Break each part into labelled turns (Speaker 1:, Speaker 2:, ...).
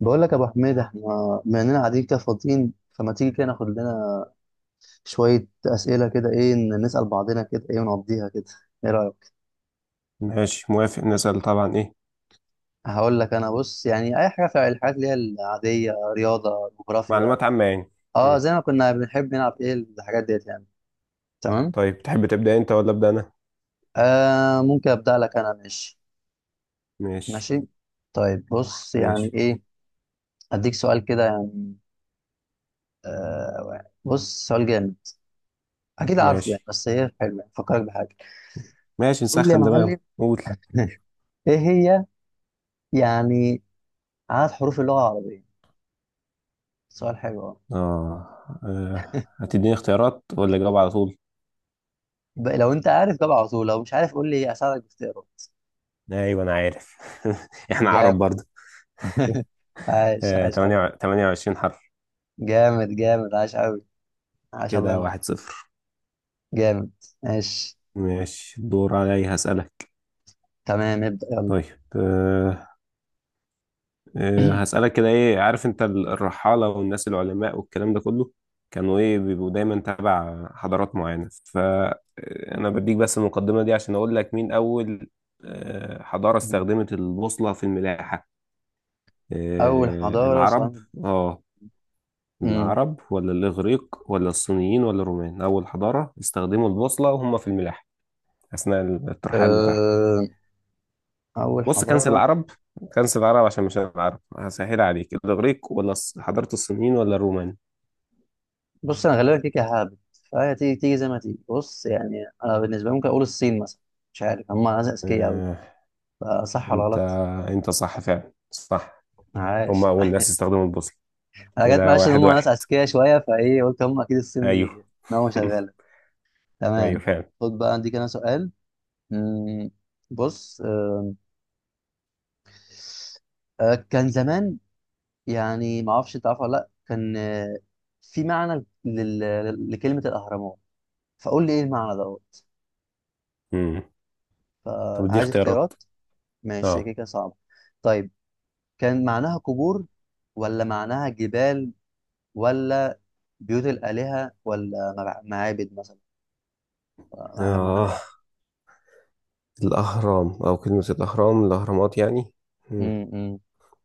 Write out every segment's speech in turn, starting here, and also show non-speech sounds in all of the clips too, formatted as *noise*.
Speaker 1: بقول لك يا ابو حميد احنا بما اننا قاعدين كده فاضيين فما تيجي كده ناخد لنا شويه اسئله كده ايه نسال بعضنا كده ايه ونقضيها كده، ايه رايك؟
Speaker 2: ماشي، موافق. نسأل طبعا، ايه؟
Speaker 1: هقول لك، انا بص يعني اي حاجه في الحاجات اللي هي العاديه، رياضه، جغرافيا،
Speaker 2: معلومات عامة يعني.
Speaker 1: اه
Speaker 2: مم.
Speaker 1: زي ما كنا بنحب نلعب ايه الحاجات ديت يعني. تمام.
Speaker 2: طيب، تحب تبدأ انت ولا أبدأ انا؟
Speaker 1: ممكن ابدا لك انا، ماشي؟
Speaker 2: ماشي.
Speaker 1: ماشي. طيب بص يعني
Speaker 2: ماشي
Speaker 1: ايه، اديك سؤال كده يعني. بص سؤال جامد، اكيد عارفه يعني
Speaker 2: ماشي
Speaker 1: بس ايه حلو يعني، فكرك بحاجه.
Speaker 2: ماشي
Speaker 1: قول لي يا
Speaker 2: نسخن دماغنا،
Speaker 1: معلم.
Speaker 2: قول.
Speaker 1: *laughs* ايه هي يعني؟ عدد حروف اللغة العربية. سؤال حلو أوي.
Speaker 2: اه آه، هتديني اختيارات ولا اجاوب على طول؟
Speaker 1: لو أنت عارف جاوب على طول، لو مش عارف قول لي أساعدك باختيارات.
Speaker 2: ايوه انا عارف. *laughs* احنا عرب
Speaker 1: جامد.
Speaker 2: برضه.
Speaker 1: *laughs* عاش
Speaker 2: آه،
Speaker 1: عاش أوي.
Speaker 2: تمانية 28 حرف.
Speaker 1: جامد جامد، عاش أوي، عاش، الله
Speaker 2: كده
Speaker 1: ينور.
Speaker 2: واحد صفر.
Speaker 1: جامد. ماشي،
Speaker 2: ماشي، الدور عليا هسألك.
Speaker 1: تمام ابدأ يلا.
Speaker 2: طيب. آه، هسألك كده، ايه عارف انت الرحالة والناس العلماء والكلام ده كله كانوا ايه بيبقوا دايما تبع حضارات معينة؟ فأنا بديك بس المقدمة دي عشان اقول لك مين أول حضارة
Speaker 1: *clears throat*
Speaker 2: استخدمت البوصلة في الملاحة.
Speaker 1: أول
Speaker 2: آه،
Speaker 1: حضارة
Speaker 2: العرب.
Speaker 1: سؤال.
Speaker 2: اه،
Speaker 1: مم.
Speaker 2: العرب ولا الإغريق ولا الصينيين ولا الرومان أول حضارة استخدموا البوصلة وهم في الملاحة أثناء الترحال بتاعهم؟
Speaker 1: أه، أول
Speaker 2: بص، كنس
Speaker 1: حضارة.
Speaker 2: العرب، كنس العرب عشان مش العرب. هسهل عليك، الإغريق ولا حضارة الصينيين ولا الرومان.
Speaker 1: بص أنا غالبا كيكة هابت، فهي تيجي تيجي زي ما تيجي، بص يعني أنا بالنسبة لي ممكن أقول الصين مثلا، مش عارف هم ناس أذكياء أوي،
Speaker 2: آه،
Speaker 1: فصح ولا
Speaker 2: انت
Speaker 1: غلط؟
Speaker 2: انت صح، فعلا صح. هم
Speaker 1: عاش.
Speaker 2: اول ناس
Speaker 1: *laughs*
Speaker 2: استخدموا البوصله.
Speaker 1: انا جت
Speaker 2: كده
Speaker 1: معلش ان
Speaker 2: واحد
Speaker 1: هم ناس
Speaker 2: واحد.
Speaker 1: اذكياء شويه، فايه قلت هم اكيد الصين
Speaker 2: ايوه. *laughs*
Speaker 1: دي نومه شغاله.
Speaker 2: ايوه
Speaker 1: تمام.
Speaker 2: فعلا.
Speaker 1: خد بقى عندي كده سؤال. مم، بص، كان زمان يعني ما اعرفش انت عارف ولا لا، كان في معنى لكلمه الاهرامات، فقول لي ايه المعنى دوت.
Speaker 2: مم. طب دي
Speaker 1: فعايز
Speaker 2: اختيارات.
Speaker 1: اختيارات؟ ماشي كده
Speaker 2: اه
Speaker 1: كده صعب. طيب كان معناها قبور، ولا معناها جبال، ولا بيوت الالهه، ولا معابد مثلا؟ معناها ايه؟
Speaker 2: اه، الاهرام او كلمه الاهرامات يعني. مم.
Speaker 1: امم،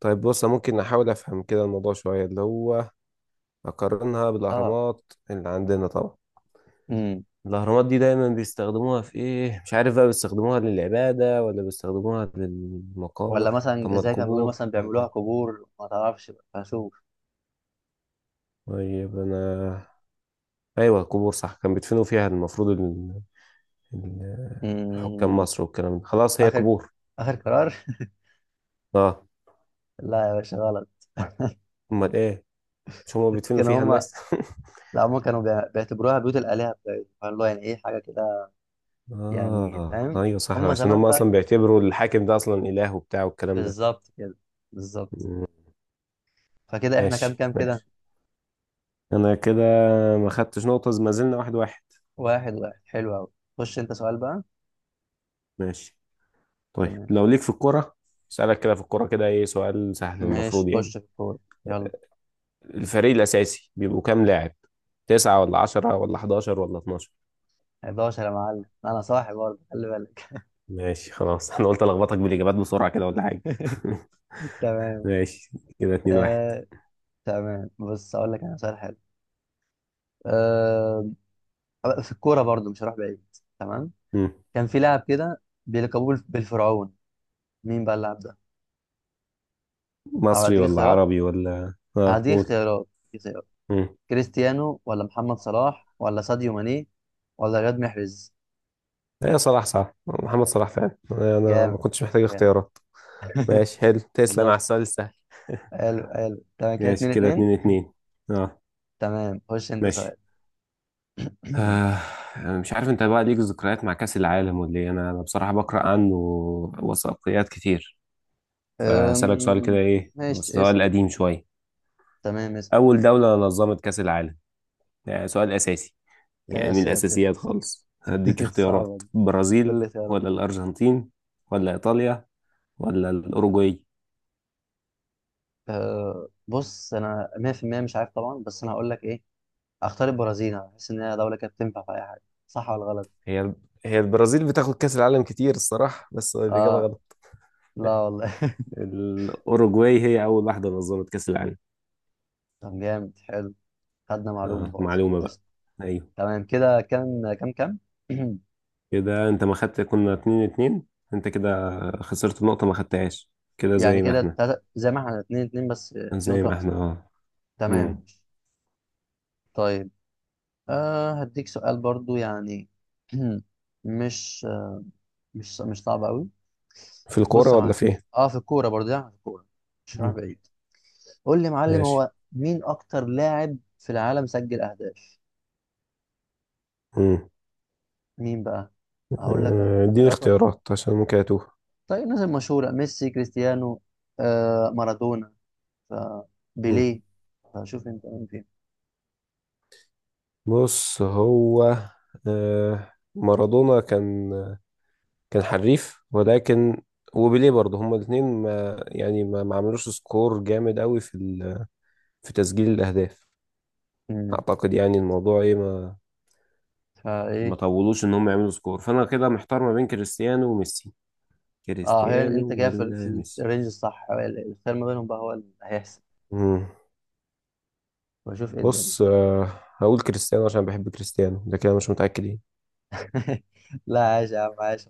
Speaker 2: طيب بص، أنا ممكن احاول افهم كده الموضوع شويه، اللي هو اقارنها
Speaker 1: اه،
Speaker 2: بالاهرامات اللي عندنا طبعا. الاهرامات دي دايما بيستخدموها في ايه، مش عارف بقى، بيستخدموها للعباده ولا بيستخدموها
Speaker 1: ولا
Speaker 2: للمقابر.
Speaker 1: مثلا
Speaker 2: طب ما
Speaker 1: زي كان بيقولوا
Speaker 2: القبور.
Speaker 1: مثلا بيعملوها
Speaker 2: آه.
Speaker 1: قبور، ما تعرفش بقى، هشوف.
Speaker 2: طيب انا، ايوه القبور صح، كان بيدفنوا فيها المفروض ال- حكام
Speaker 1: مم،
Speaker 2: مصر والكلام ده، خلاص هي
Speaker 1: اخر
Speaker 2: قبور.
Speaker 1: اخر قرار. *laughs*
Speaker 2: اه.
Speaker 1: لا يا باشا، غلط. *laughs*
Speaker 2: امال ايه، مش هما بيدفنوا
Speaker 1: كانوا
Speaker 2: فيها
Speaker 1: هم،
Speaker 2: الناس؟
Speaker 1: لا هم كانوا بيعتبروها بيوت الآلهة بتاعتهم، فاللي هو يعني ايه حاجة كده
Speaker 2: *laughs*
Speaker 1: يعني،
Speaker 2: اه،
Speaker 1: فاهم؟
Speaker 2: ايوه صح،
Speaker 1: هم
Speaker 2: عشان
Speaker 1: زمان
Speaker 2: هما
Speaker 1: بقى
Speaker 2: اصلا
Speaker 1: كان
Speaker 2: بيعتبروا الحاكم ده اصلا اله وبتاع والكلام ده.
Speaker 1: بالظبط كده، بالظبط.
Speaker 2: مم،
Speaker 1: فكده احنا كام
Speaker 2: ماشي
Speaker 1: كام كده؟
Speaker 2: ماشي. انا كده ما خدتش نقطة، ما زلنا واحد واحد.
Speaker 1: واحد واحد، حلو قوي. خش انت سؤال بقى.
Speaker 2: ماشي، طيب
Speaker 1: تمام
Speaker 2: لو ليك في الكرة، اسألك كده في الكرة كده، ايه سؤال سهل
Speaker 1: ماشي،
Speaker 2: المفروض
Speaker 1: خش
Speaker 2: يعني.
Speaker 1: في الكورة، يلا.
Speaker 2: الفريق الأساسي بيبقوا كام لاعب، تسعة ولا عشرة ولا حداشر ولا اتناشر؟
Speaker 1: 11 يا معلم، انا صاحي برضه خلي بالك.
Speaker 2: ماشي خلاص. *laughs* انا قلت الخبطك بالاجابات بسرعه كده ولا حاجه. *laughs*
Speaker 1: *laughs* تمام.
Speaker 2: ماشي، كده اتنين واحد.
Speaker 1: آه تمام، بص اقول لك انا سؤال حلو. آه، في الكورة برضو مش هروح بعيد. تمام.
Speaker 2: مم.
Speaker 1: كان في لاعب كده بيلقبوه بالفرعون، مين بقى اللاعب ده؟ او
Speaker 2: مصري ولا عربي ولا اه قول.
Speaker 1: هديك اختيارات.
Speaker 2: مم.
Speaker 1: كريستيانو، ولا محمد صلاح، ولا ساديو ماني، ولا رياض محرز؟
Speaker 2: ايه، صلاح. صح، محمد صلاح فعلا، انا ما
Speaker 1: جامد
Speaker 2: كنتش محتاج
Speaker 1: جامد.
Speaker 2: اختيارات. ماشي حلو، تسلم
Speaker 1: بالظبط.
Speaker 2: على السؤال السهل. *laughs*
Speaker 1: حلو حلو تمام، كده
Speaker 2: ماشي
Speaker 1: اتنين
Speaker 2: كده
Speaker 1: اتنين.
Speaker 2: اتنين
Speaker 1: *clears throat*
Speaker 2: اتنين. اه
Speaker 1: تمام، خش انت
Speaker 2: ماشي.
Speaker 1: سؤال. *clears throat*
Speaker 2: آه. أنا مش عارف انت بقى ليك ذكريات مع كأس العالم ولا ايه، انا بصراحة بقرأ عنه وثائقيات كتير. فأسألك سؤال كده،
Speaker 1: أم...
Speaker 2: ايه هو
Speaker 1: ماشي
Speaker 2: سؤال
Speaker 1: اسأل.
Speaker 2: قديم شوية.
Speaker 1: تمام اسأل.
Speaker 2: أول دولة نظمت كأس العالم، يعني سؤال أساسي، يعني
Speaker 1: يا
Speaker 2: من
Speaker 1: ساتر يا
Speaker 2: الأساسيات
Speaker 1: ساتر.
Speaker 2: خالص. هديك
Speaker 1: *laughs* صعبة
Speaker 2: اختيارات،
Speaker 1: دي، قول
Speaker 2: برازيل
Speaker 1: لي اختيارات.
Speaker 2: ولا الأرجنتين ولا إيطاليا ولا الأوروجواي.
Speaker 1: بص انا 100% مش عارف طبعا، بس انا هقول لك ايه، اختار البرازيل، انا بحس ان هي دوله كانت تنفع في اي حاجه، صح ولا غلط؟
Speaker 2: هي هي البرازيل بتاخد كأس العالم كتير الصراحة، بس الإجابة
Speaker 1: اه،
Speaker 2: غلط. *laughs*
Speaker 1: لا والله.
Speaker 2: الأوروجواي هي أول واحدة نظمت كأس العالم.
Speaker 1: *laughs* طب جامد حلو، خدنا معلومه
Speaker 2: آه،
Speaker 1: برضه.
Speaker 2: معلومة بقى.
Speaker 1: قشطة.
Speaker 2: أيوه.
Speaker 1: تمام كده كام كام كام. *clears throat*
Speaker 2: كده أنت ما خدت، كنا اتنين اتنين، أنت كده خسرت النقطة ما خدتهاش. كده
Speaker 1: يعني
Speaker 2: زي ما
Speaker 1: كده
Speaker 2: احنا،
Speaker 1: زي ما احنا اتنين اتنين بس في
Speaker 2: زي
Speaker 1: نقطه
Speaker 2: ما احنا.
Speaker 1: خساره.
Speaker 2: اه.
Speaker 1: تمام
Speaker 2: مم.
Speaker 1: ماشي. طيب، آه هديك سؤال برضه يعني. *clears throat* مش مش صعب قوي.
Speaker 2: في
Speaker 1: بص
Speaker 2: الكورة
Speaker 1: يا
Speaker 2: ولا
Speaker 1: معلم،
Speaker 2: في إيه؟
Speaker 1: اه في الكوره برضه يعني، في الكوره مش رايح
Speaker 2: مم.
Speaker 1: بعيد. قول لي يا معلم،
Speaker 2: ماشي.
Speaker 1: هو مين اكتر لاعب في العالم سجل اهداف؟
Speaker 2: مم.
Speaker 1: مين بقى؟ هقول لك،
Speaker 2: اديني
Speaker 1: ثلاثة ولا،
Speaker 2: اختيارات عشان ممكن أتوه.
Speaker 1: طيب الناس المشهورة، ميسي، كريستيانو، آه مارادونا،
Speaker 2: مم.
Speaker 1: فبيليه، فشوف انت مين فين.
Speaker 2: بص هو، مارادونا كان حريف، ولكن وبيليه برضه هما الاثنين ما يعني ما ما عملوش سكور جامد قوي في في تسجيل الاهداف.
Speaker 1: مم.
Speaker 2: اعتقد يعني الموضوع ايه، ما
Speaker 1: فايه؟
Speaker 2: ما طولوش ان هم يعملوا سكور، فانا كده محتار ما بين كريستيانو وميسي.
Speaker 1: اه هي
Speaker 2: كريستيانو
Speaker 1: انت كده في
Speaker 2: ولا
Speaker 1: في
Speaker 2: ميسي؟
Speaker 1: الرينج الصح، الخير ما بينهم بقى هو اللي هيحسب،
Speaker 2: مم.
Speaker 1: واشوف ايه الدنيا.
Speaker 2: بص، هقول كريستيانو عشان بحب كريستيانو، لكن انا مش متأكد ايه.
Speaker 1: *laughs* لا، عاش يا عم عاش،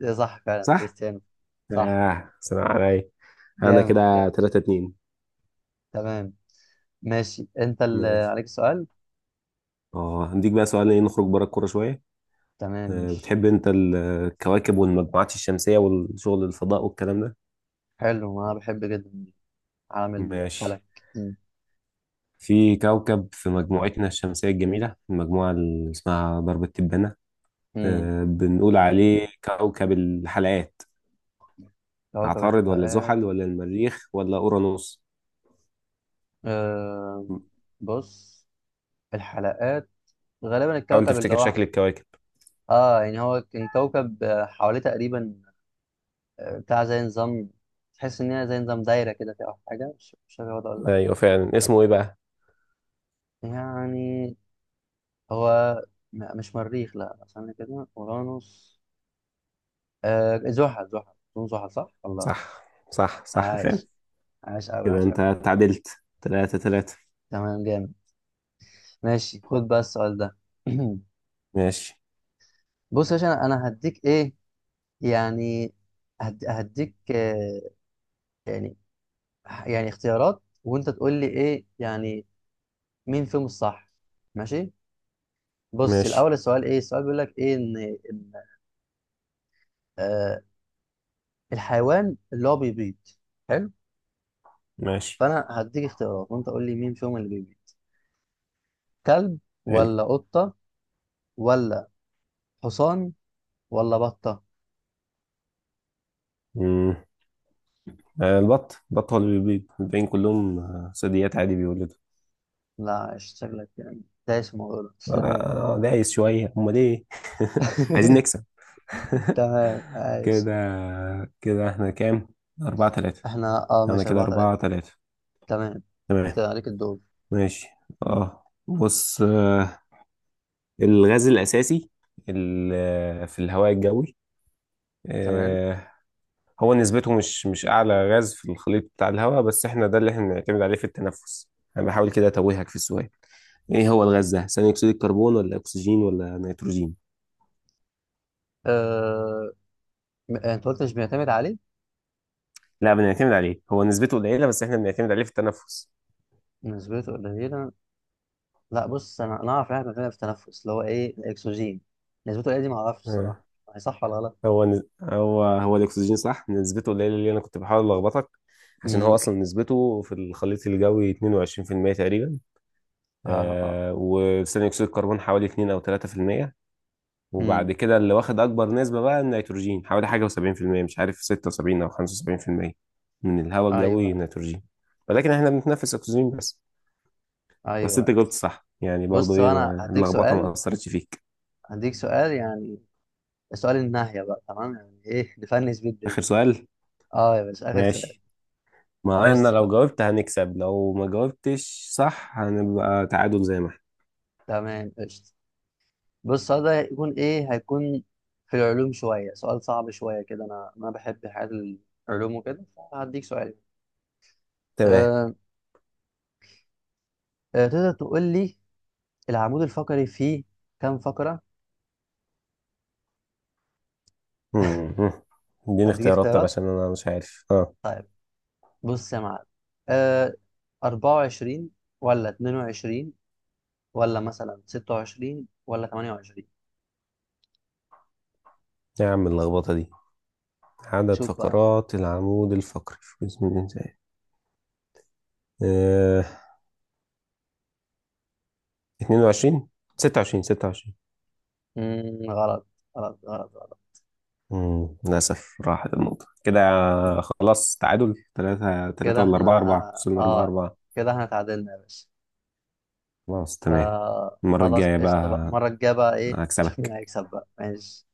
Speaker 1: ده صح فعلا
Speaker 2: صح؟
Speaker 1: كريستيانو. صح.
Speaker 2: سلام عليا. انا
Speaker 1: جامد
Speaker 2: كده
Speaker 1: جامد.
Speaker 2: 3-2.
Speaker 1: تمام ماشي، انت اللي
Speaker 2: ماشي.
Speaker 1: عليك السؤال.
Speaker 2: اه هنديك بقى سؤال، ايه نخرج بره الكوره شويه.
Speaker 1: تمام ماشي.
Speaker 2: بتحب انت الكواكب والمجموعات الشمسيه والشغل الفضاء والكلام ده؟
Speaker 1: حلو، انا بحب جدا عالم الفلك.
Speaker 2: ماشي.
Speaker 1: مم.
Speaker 2: في كوكب في مجموعتنا الشمسيه الجميله، المجموعه اللي اسمها درب التبانه،
Speaker 1: مم.
Speaker 2: بنقول عليه كوكب الحلقات.
Speaker 1: كوكب
Speaker 2: عطارد ولا
Speaker 1: الحلقات.
Speaker 2: زحل ولا المريخ ولا اورانوس؟
Speaker 1: أه بص، الحلقات، غالبا
Speaker 2: حاول
Speaker 1: الكوكب اللي
Speaker 2: تفتكر
Speaker 1: هو،
Speaker 2: شكل الكواكب.
Speaker 1: اه يعني هو كان كوكب حواليه تقريبا بتاع زي نظام، تحس ان هي زي نظام دايره كده فيها أو حاجه، مش فاكر هو ده ولا لا
Speaker 2: ايوه فعلا، اسمه ايه بقى؟
Speaker 1: يعني. هو مش مريخ، لا استنى كده، اورانوس، آه زحل زحل، اظن زحل صح. الله،
Speaker 2: صح صح صح،
Speaker 1: عاش،
Speaker 2: فعلا.
Speaker 1: عاش قوي
Speaker 2: كده
Speaker 1: عاش
Speaker 2: انت
Speaker 1: قوي.
Speaker 2: تعادلت تلاتة تلاتة.
Speaker 1: تمام جامد. ماشي، خد بقى السؤال ده. *clears throat*
Speaker 2: ماشي
Speaker 1: بص يا باشا، انا أنا هديك ايه يعني، هديك يعني يعني اختيارات، وانت تقول لي ايه يعني مين فيهم الصح. ماشي. بص
Speaker 2: ماشي
Speaker 1: الاول السؤال ايه، السؤال بيقول لك ايه ان ان آه الحيوان اللي هو بيبيض. حلو.
Speaker 2: ماشي
Speaker 1: فانا هديك اختيارات، وانت قول لي مين فيهم اللي بيبيض؟ كلب، ولا قطة، ولا حصان، ولا بطة؟
Speaker 2: حلو. آه، البط، البط هو اللي بيبيض، الباقيين كلهم ثدييات عادي بيولدوا.
Speaker 1: لا شكلك يعني دايس في الموضوع ده. *laughs* تمام.
Speaker 2: أنا دايس شوية هما ليه. *laughs* عايزين نكسب.
Speaker 1: *laughs*
Speaker 2: *laughs*
Speaker 1: تمام عايش.
Speaker 2: كده كده احنا كام؟ أربعة تلاتة.
Speaker 1: احنا اه
Speaker 2: أنا
Speaker 1: ماشي،
Speaker 2: كده
Speaker 1: أربعة
Speaker 2: أربعة
Speaker 1: تلاتة.
Speaker 2: تلاتة.
Speaker 1: تمام. انت
Speaker 2: تمام
Speaker 1: عليك الدور.
Speaker 2: ماشي. اه بص، الغاز الأساسي في الهواء الجوي،
Speaker 1: تمام.
Speaker 2: آه، هو نسبته مش أعلى غاز في الخليط بتاع الهواء، بس احنا ده اللي احنا بنعتمد عليه في التنفس. أنا بحاول كده أتوهك في السؤال. ايه هو الغاز ده، ثاني اكسيد الكربون ولا اكسجين ولا نيتروجين؟
Speaker 1: آه... انت قلت مش بيعتمد عليه؟
Speaker 2: لا بنعتمد عليه، هو نسبته قليله بس احنا بنعتمد عليه في التنفس.
Speaker 1: نسبته قليلة؟ لا بص أنا أنا أعرف إحنا بنعمل في التنفس اللي هو إيه الأكسجين، نسبته قليلة دي معرفش الصراحة،
Speaker 2: آه.
Speaker 1: هي صح ولا غلط؟
Speaker 2: هو هو الاكسجين صح، نسبته قليله اللي انا كنت بحاول الخبطك، عشان هو
Speaker 1: امم.
Speaker 2: اصلا نسبته في الخليط الجوي 22% تقريبا.
Speaker 1: آه آه.
Speaker 2: وثاني اكسيد الكربون حوالي 2 او 3%.
Speaker 1: امم.
Speaker 2: وبعد كده اللي واخد اكبر نسبه بقى النيتروجين، حوالي حاجه و70%، مش عارف 76 او 75% من الهواء الجوي
Speaker 1: أيوه.
Speaker 2: نيتروجين. ولكن احنا بنتنفس اكسجين بس. بس انت
Speaker 1: أيوه.
Speaker 2: جاوبت صح يعني، برضو
Speaker 1: بص
Speaker 2: ايه
Speaker 1: هو أنا هديك
Speaker 2: اللخبطه ما
Speaker 1: سؤال،
Speaker 2: اثرتش فيك.
Speaker 1: هديك سؤال يعني، سؤال النهاية بقى تمام، يعني إيه نفنس بيه
Speaker 2: اخر
Speaker 1: الدنيا.
Speaker 2: سؤال.
Speaker 1: أه يا باشا، آخر سؤال.
Speaker 2: ماشي. مع ان
Speaker 1: بص
Speaker 2: لو
Speaker 1: بقى،
Speaker 2: جاوبت هنكسب، لو ما جاوبتش صح هنبقى تعادل زي ما احنا.
Speaker 1: تمام قشطة. بص السؤال ده هيكون إيه، هيكون في العلوم شوية، سؤال صعب شوية كده، أنا أنا بحب حاجات العلوم وكده، فهديك سؤال.
Speaker 2: تمام.
Speaker 1: أه. تقدر تقول لي العمود الفقري فيه كام فقرة؟
Speaker 2: مم. اديني
Speaker 1: هديك
Speaker 2: اختيارات طب،
Speaker 1: اختيارات.
Speaker 2: عشان انا مش عارف اه.
Speaker 1: طيب بص يا معلم، آه 24، ولا 22، ولا مثلا 26، ولا 28؟
Speaker 2: يا عم اللخبطه دي. عدد
Speaker 1: أشوف بقى.
Speaker 2: فقرات العمود الفقري في جسم الانسان. آه. 22، 26، 26.
Speaker 1: مم غلط، غلط غلط غلط.
Speaker 2: مم. للاسف راحت النقطه كده، خلاص تعادل 3-3
Speaker 1: كده
Speaker 2: ولا
Speaker 1: احنا،
Speaker 2: 4-4، وصلنا 4
Speaker 1: اه
Speaker 2: 4
Speaker 1: كده احنا اتعادلنا يا باشا.
Speaker 2: خلاص تمام. المرة
Speaker 1: فخلاص
Speaker 2: الجاية
Speaker 1: قشطة بقى،
Speaker 2: بقى
Speaker 1: المرة الجاية بقى ايه *laughs* نشوف مين
Speaker 2: هكسبك.
Speaker 1: هيكسب بقى، ماشي.